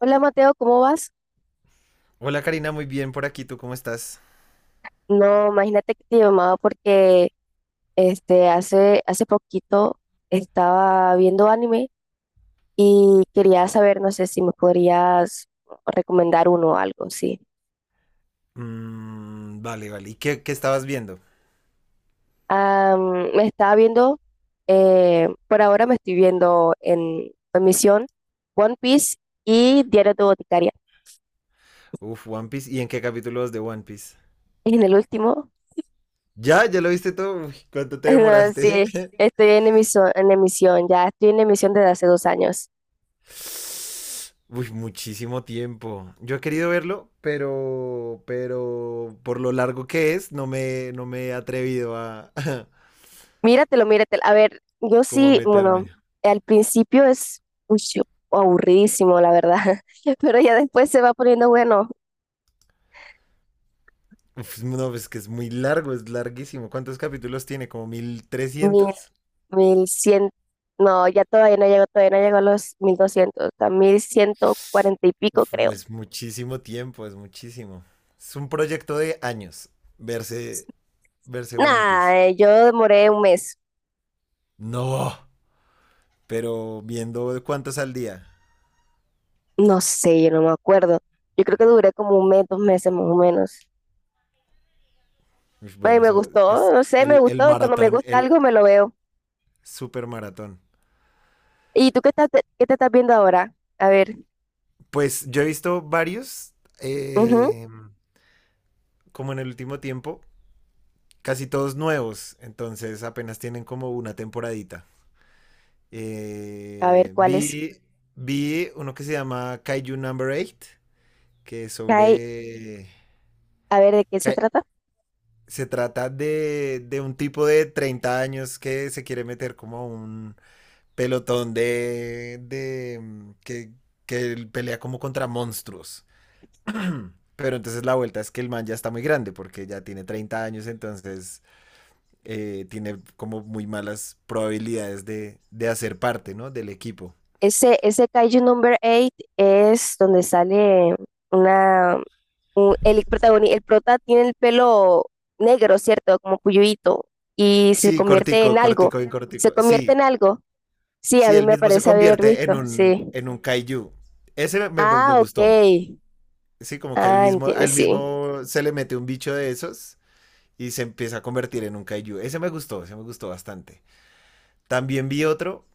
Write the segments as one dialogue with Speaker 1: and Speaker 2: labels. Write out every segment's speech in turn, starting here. Speaker 1: Hola Mateo, ¿cómo vas?
Speaker 2: Hola Karina, muy bien por aquí, ¿tú cómo estás?
Speaker 1: No, imagínate que te llamaba porque hace poquito estaba viendo anime y quería saber, no sé si me podrías recomendar uno o algo, sí.
Speaker 2: Mm, vale, vale. ¿Y qué estabas viendo?
Speaker 1: Me estaba viendo, por ahora me estoy viendo en Misión One Piece y Diario de Boticaria.
Speaker 2: Uf, One Piece. ¿Y en qué capítulo vas de One Piece?
Speaker 1: En el último,
Speaker 2: ¿Ya? ¿Ya lo viste todo? Uy, ¿cuánto te demoraste?
Speaker 1: sí, estoy en emisión, ya estoy en emisión desde hace 2 años.
Speaker 2: Uy, muchísimo tiempo. Yo he querido verlo, pero por lo largo que es, no me he atrevido a,
Speaker 1: Míratelo, míratelo. A ver, yo
Speaker 2: como a
Speaker 1: sí,
Speaker 2: meterme.
Speaker 1: bueno, al principio es uy, yo- aburridísimo, la verdad, pero ya después se va poniendo bueno,
Speaker 2: Uf, no, es que es muy largo, es larguísimo. ¿Cuántos capítulos tiene? ¿Como mil
Speaker 1: mil,
Speaker 2: trescientos?
Speaker 1: mil cien, no, ya todavía no llego a los 1.200, a 1.140 y pico
Speaker 2: Uf,
Speaker 1: creo.
Speaker 2: es muchísimo tiempo, es muchísimo. Es un proyecto de años verse, verse One
Speaker 1: Nada,
Speaker 2: Piece.
Speaker 1: yo demoré un mes,
Speaker 2: No, pero viendo cuántos al día.
Speaker 1: no sé, yo no me acuerdo. Yo creo que duré como un mes, 2 meses más o menos.
Speaker 2: Uf,
Speaker 1: Ay,
Speaker 2: bueno,
Speaker 1: me
Speaker 2: eso
Speaker 1: gustó,
Speaker 2: es
Speaker 1: no sé, me
Speaker 2: el
Speaker 1: gustó, cuando me
Speaker 2: maratón,
Speaker 1: gusta
Speaker 2: el
Speaker 1: algo me lo veo.
Speaker 2: super maratón.
Speaker 1: ¿Y tú qué te estás viendo ahora? A ver,
Speaker 2: Pues yo he visto varios,
Speaker 1: ujú.
Speaker 2: eh, como en el último tiempo, casi todos nuevos, entonces apenas tienen como una temporadita.
Speaker 1: A ver,
Speaker 2: Eh,
Speaker 1: ¿cuál es?
Speaker 2: vi, vi uno que se llama Kaiju Number 8. que
Speaker 1: Kai,
Speaker 2: sobre...
Speaker 1: a ver, ¿de qué se
Speaker 2: eh,
Speaker 1: trata?
Speaker 2: Se trata de un tipo de 30 años que se quiere meter como a un pelotón que él pelea como contra monstruos. Pero entonces la vuelta es que el man ya está muy grande porque ya tiene 30 años, entonces tiene como muy malas probabilidades de hacer parte, ¿no? Del equipo.
Speaker 1: Ese Kaiju Number 8 es donde sale una... el protagonista, el prota tiene el pelo negro, ¿cierto? Como puyuito. Y se
Speaker 2: Sí,
Speaker 1: convierte en
Speaker 2: cortico,
Speaker 1: algo.
Speaker 2: cortico, bien
Speaker 1: ¿Se
Speaker 2: cortico.
Speaker 1: convierte en
Speaker 2: Sí,
Speaker 1: algo? Sí, a
Speaker 2: si
Speaker 1: mí
Speaker 2: él
Speaker 1: me
Speaker 2: mismo se
Speaker 1: parece haber
Speaker 2: convierte en
Speaker 1: visto,
Speaker 2: un,
Speaker 1: sí.
Speaker 2: en un kaiju. Ese me
Speaker 1: Ah,
Speaker 2: gustó.
Speaker 1: ok.
Speaker 2: Sí, como que al
Speaker 1: Ah,
Speaker 2: mismo,
Speaker 1: entiendo,
Speaker 2: al
Speaker 1: sí.
Speaker 2: mismo se le mete un bicho de esos y se empieza a convertir en un kaiju. Ese me gustó bastante. También vi otro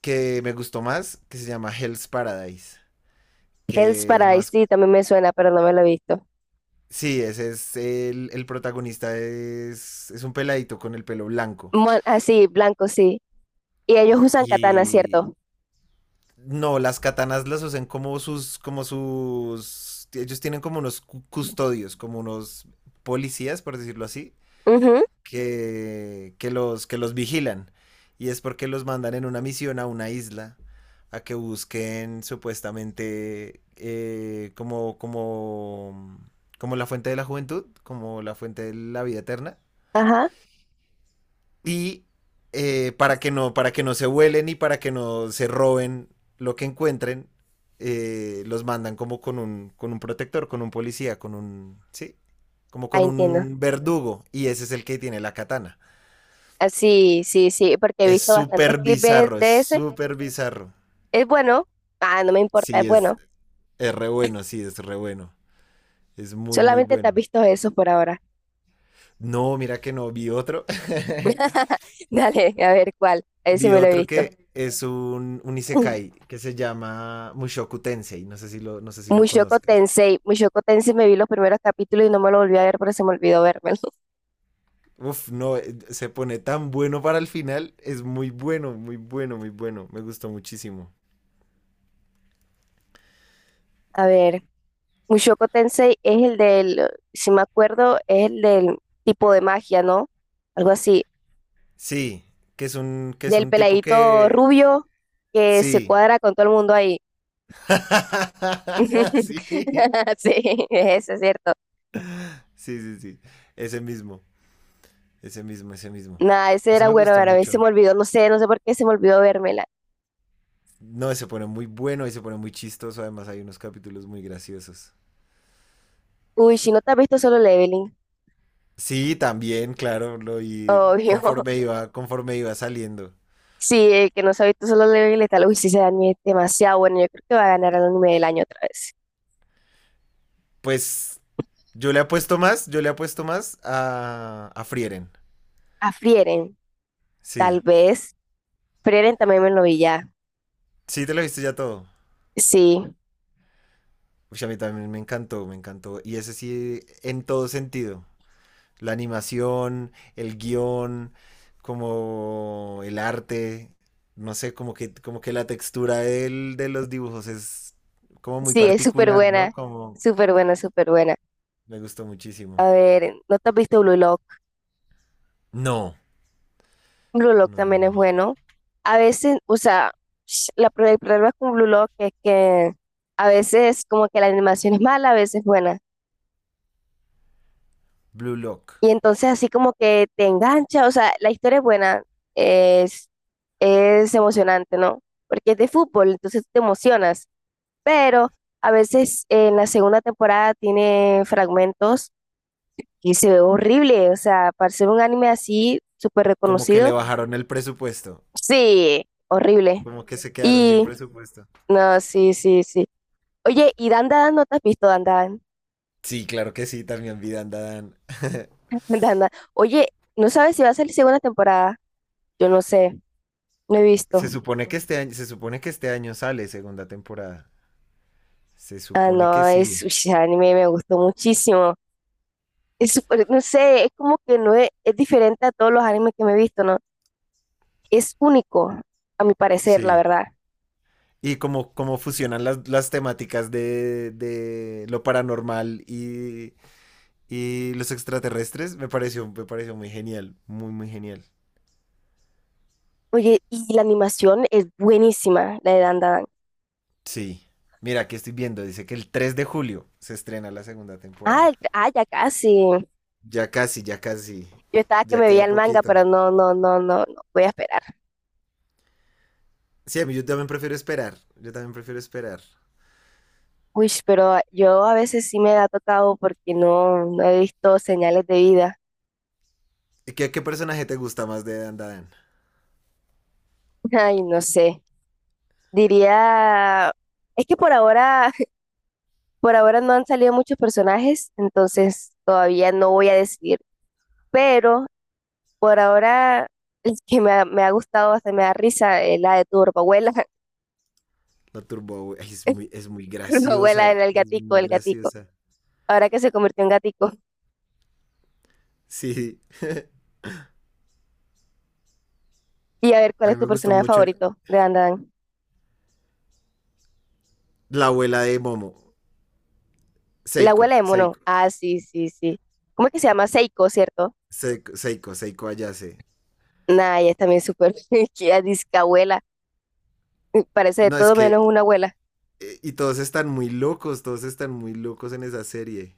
Speaker 2: que me gustó más, que se llama Hell's Paradise,
Speaker 1: Hell's
Speaker 2: que es
Speaker 1: Paradise,
Speaker 2: más...
Speaker 1: sí, también me suena, pero no me lo he visto.
Speaker 2: Sí, ese es el protagonista, es un peladito con el pelo blanco.
Speaker 1: Ah, sí, blanco, sí. Y ellos usan katana,
Speaker 2: Y,
Speaker 1: ¿cierto?
Speaker 2: No, las katanas las usan ellos tienen como unos custodios, como unos policías, por decirlo así,
Speaker 1: Ujú,
Speaker 2: que los vigilan. Y es porque los mandan en una misión a una isla a que busquen supuestamente como la fuente de la juventud, como la fuente de la vida eterna
Speaker 1: ajá.
Speaker 2: y para que no se vuelen y para que no se roben lo que encuentren, los mandan como con un protector, con un policía, sí, como
Speaker 1: Ah,
Speaker 2: con
Speaker 1: entiendo.
Speaker 2: un verdugo y ese es el que tiene la katana.
Speaker 1: Ah, sí, sí, sí, porque he
Speaker 2: Es
Speaker 1: visto bastantes
Speaker 2: súper
Speaker 1: clips de,
Speaker 2: bizarro, es
Speaker 1: de ese.
Speaker 2: súper bizarro.
Speaker 1: Es bueno. Ah, no me importa, es
Speaker 2: Sí, es,
Speaker 1: bueno.
Speaker 2: es re bueno, sí, es re bueno. Es muy, muy
Speaker 1: Solamente te has
Speaker 2: bueno.
Speaker 1: visto esos por ahora.
Speaker 2: No, mira que no vi otro.
Speaker 1: Dale, a ver cuál. A ver si
Speaker 2: Vi
Speaker 1: me lo he
Speaker 2: otro
Speaker 1: visto.
Speaker 2: que es un isekai que se llama Mushoku Tensei. No sé si lo
Speaker 1: Mushoku
Speaker 2: conozcas.
Speaker 1: Tensei. Mushoku Tensei me vi los primeros capítulos y no me lo volví a ver porque se me olvidó vérmelo.
Speaker 2: Uf, no, se pone tan bueno para el final. Es muy bueno, muy bueno, muy bueno. Me gustó muchísimo.
Speaker 1: A ver, Mushoku Tensei es el del, si me acuerdo, es el del tipo de magia, ¿no? Algo así.
Speaker 2: Sí, que es un, que es
Speaker 1: Del
Speaker 2: un tipo
Speaker 1: peladito
Speaker 2: que...
Speaker 1: rubio que se
Speaker 2: Sí.
Speaker 1: cuadra con todo el mundo ahí.
Speaker 2: Sí.
Speaker 1: Sí, eso es cierto.
Speaker 2: Sí, sí, sí. Ese mismo, ese mismo, ese mismo.
Speaker 1: Nada, ese
Speaker 2: Ese
Speaker 1: era
Speaker 2: me
Speaker 1: bueno,
Speaker 2: gustó
Speaker 1: a mí se
Speaker 2: mucho.
Speaker 1: me olvidó, no sé, no sé por qué se me olvidó vérmela.
Speaker 2: No, se pone muy bueno y se pone muy chistoso. Además hay unos capítulos muy graciosos.
Speaker 1: Uy, si no te has visto Solo Leveling,
Speaker 2: Sí, también, claro, lo y
Speaker 1: obvio.
Speaker 2: conforme iba saliendo.
Speaker 1: Sí, el que no se ha visto Solo Leveling, tal vez sí se es demasiado bueno. Yo creo que va a ganar el anime del año otra vez.
Speaker 2: Pues yo le apuesto más, yo le apuesto más a Frieren.
Speaker 1: A Frieren, tal
Speaker 2: Sí,
Speaker 1: vez. Frieren también me lo vi ya.
Speaker 2: sí, te lo viste ya todo.
Speaker 1: Sí,
Speaker 2: Uy, a mí también me encantó, me encantó. Y ese sí, en todo sentido. La animación, el guión, como el arte, no sé, como que la textura de los dibujos es como muy
Speaker 1: sí, es súper
Speaker 2: particular, ¿no?
Speaker 1: buena,
Speaker 2: Como
Speaker 1: súper buena, súper buena.
Speaker 2: me gustó muchísimo.
Speaker 1: A ver, ¿no te has visto Blue Lock?
Speaker 2: No,
Speaker 1: Blue Lock
Speaker 2: no, no,
Speaker 1: también
Speaker 2: no.
Speaker 1: es bueno. A veces, o sea, el problema con Blue Lock es que a veces como que la animación es mala, a veces es buena.
Speaker 2: Blue Lock.
Speaker 1: Y entonces así como que te engancha, o sea, la historia es buena, es, es emocionante, ¿no? Porque es de fútbol, entonces te emocionas. Pero a veces en la segunda temporada tiene fragmentos y se ve horrible, o sea, para ser un anime así súper
Speaker 2: Como que le
Speaker 1: reconocido,
Speaker 2: bajaron el presupuesto.
Speaker 1: sí, horrible.
Speaker 2: Como que se quedaron sin
Speaker 1: Y
Speaker 2: presupuesto.
Speaker 1: No, sí, sí, sí. Oye, y Dan Dan, ¿no te has visto Dan Dan?
Speaker 2: Sí, claro que sí, también Vidanda Dan.
Speaker 1: Dan Dan. Oye, ¿no sabes si va a salir segunda temporada? Yo no sé, no he visto.
Speaker 2: Se supone que este año sale segunda temporada. Se
Speaker 1: Ah,
Speaker 2: supone que
Speaker 1: no,
Speaker 2: sí.
Speaker 1: ese anime me gustó muchísimo. Es súper, no sé, es como que no es, es diferente a todos los animes que me he visto, ¿no? Es único, a mi parecer, la
Speaker 2: Sí.
Speaker 1: verdad.
Speaker 2: Y como fusionan las temáticas de lo paranormal y los extraterrestres, me pareció muy genial. Muy, muy genial.
Speaker 1: Oye, y la animación es buenísima, la de Dan Dan.
Speaker 2: Sí. Mira, aquí estoy viendo, dice que el 3 de julio se estrena la segunda
Speaker 1: Ah,
Speaker 2: temporada.
Speaker 1: ya casi.
Speaker 2: Ya casi, ya casi.
Speaker 1: Yo estaba que
Speaker 2: Ya
Speaker 1: me veía
Speaker 2: queda
Speaker 1: el manga,
Speaker 2: poquito.
Speaker 1: pero no, no, no, no, no, voy a esperar.
Speaker 2: Sí, a mí yo también prefiero esperar. Yo también prefiero esperar.
Speaker 1: Uy, pero yo a veces sí me ha tocado porque no, no he visto señales de vida.
Speaker 2: ¿Y qué personaje te gusta más de Dan Dan?
Speaker 1: Ay, no sé. Diría, es que por ahora, por ahora no han salido muchos personajes, entonces todavía no voy a decidir. Pero por ahora, el que me ha gustado, hasta me da risa, es la de tu abuela,
Speaker 2: La Turbo, Boy. Ay, es muy
Speaker 1: abuela
Speaker 2: graciosa.
Speaker 1: era el
Speaker 2: Es
Speaker 1: gatico,
Speaker 2: muy
Speaker 1: el gatico.
Speaker 2: graciosa.
Speaker 1: Ahora que se convirtió en gatico.
Speaker 2: Sí.
Speaker 1: Y a ver, ¿cuál
Speaker 2: A mí
Speaker 1: es tu
Speaker 2: me gustó
Speaker 1: personaje
Speaker 2: mucho el-
Speaker 1: favorito de Dandadan?
Speaker 2: la abuela de Momo.
Speaker 1: La abuela
Speaker 2: Seiko,
Speaker 1: de mono.
Speaker 2: Seiko,
Speaker 1: Ah, sí, sí, sí. ¿Cómo es que se llama? Seiko, ¿cierto?
Speaker 2: Seiko Ayase.
Speaker 1: Nah, ella también súper fingida, disque abuela. Parece de
Speaker 2: No, es
Speaker 1: todo menos
Speaker 2: que.
Speaker 1: una abuela.
Speaker 2: Y todos están muy locos, todos están muy locos en esa serie.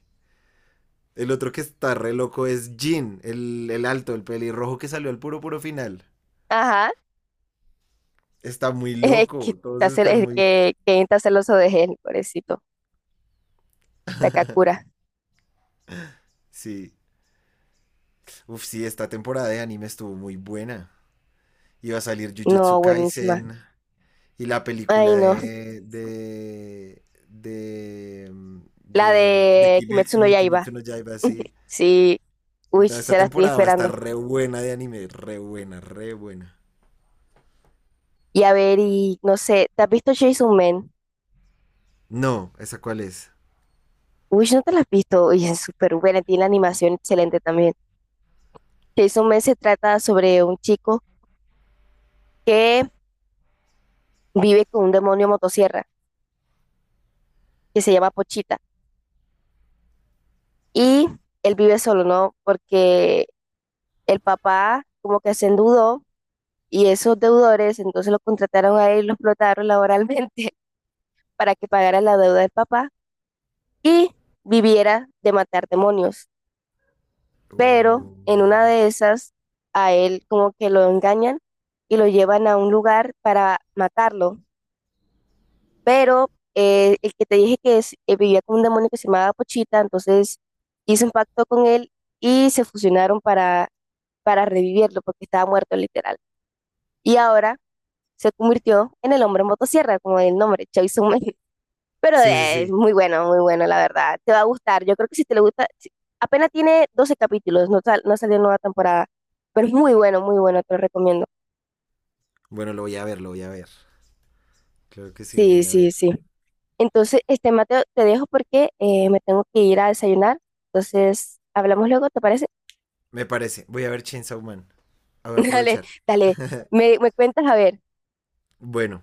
Speaker 2: El otro que está re loco es Jin, el alto, el pelirrojo que salió al puro puro final.
Speaker 1: Ajá.
Speaker 2: Está muy
Speaker 1: Es que
Speaker 2: loco, todos
Speaker 1: está, cel-
Speaker 2: están
Speaker 1: es
Speaker 2: muy...
Speaker 1: que, que está celoso de él, pobrecito. Takakura.
Speaker 2: Sí. Uf, sí, esta temporada de anime estuvo muy buena. Iba a salir Jujutsu
Speaker 1: No, buenísima.
Speaker 2: Kaisen y la
Speaker 1: Ay,
Speaker 2: película
Speaker 1: no.
Speaker 2: de... mm,
Speaker 1: La de Kimetsu no
Speaker 2: De
Speaker 1: Yaiba.
Speaker 2: Kimetsu no Yaiba, sí.
Speaker 1: Sí. Uy, sí,
Speaker 2: No, esta
Speaker 1: se la estoy
Speaker 2: temporada va a
Speaker 1: esperando.
Speaker 2: estar re buena de anime, re buena, re buena.
Speaker 1: Y a ver, y no sé, ¿te has visto Jason Man?
Speaker 2: No, ¿esa cuál es?
Speaker 1: Uy, ¿no te la has visto? Uy, es súper buena, tiene la animación excelente también. Jason Man se trata sobre un chico que vive con un demonio motosierra que se llama Pochita. Y él vive solo, ¿no? Porque el papá como que se endeudó y esos deudores entonces lo contrataron a él, lo explotaron laboralmente para que pagara la deuda del papá y viviera de matar demonios. Pero
Speaker 2: Uh,
Speaker 1: en una de esas a él como que lo engañan y lo llevan a un lugar para matarlo. Pero el que te dije que es, vivía con un demonio que se llamaba Pochita, entonces hizo un pacto con él y se fusionaron para revivirlo porque estaba muerto literal. Y ahora se convirtió en el hombre motosierra, como el nombre, Chavisum. Pero
Speaker 2: Sí, sí,
Speaker 1: es
Speaker 2: sí.
Speaker 1: muy bueno, muy bueno, la verdad. Te va a gustar. Yo creo que si te le gusta, apenas tiene 12 capítulos, no, no salió nueva temporada, pero es muy bueno, muy bueno, te lo recomiendo.
Speaker 2: Bueno, lo voy a ver, lo voy a ver. Claro que sí, lo
Speaker 1: Sí,
Speaker 2: voy a
Speaker 1: sí,
Speaker 2: ver.
Speaker 1: sí. Entonces, Mateo, te dejo porque me tengo que ir a desayunar. Entonces, hablamos luego, ¿te parece?
Speaker 2: Me parece. Voy a ver Chainsaw Man. Ah, voy a
Speaker 1: Dale,
Speaker 2: aprovechar.
Speaker 1: dale. Me cuentas a ver.
Speaker 2: Bueno,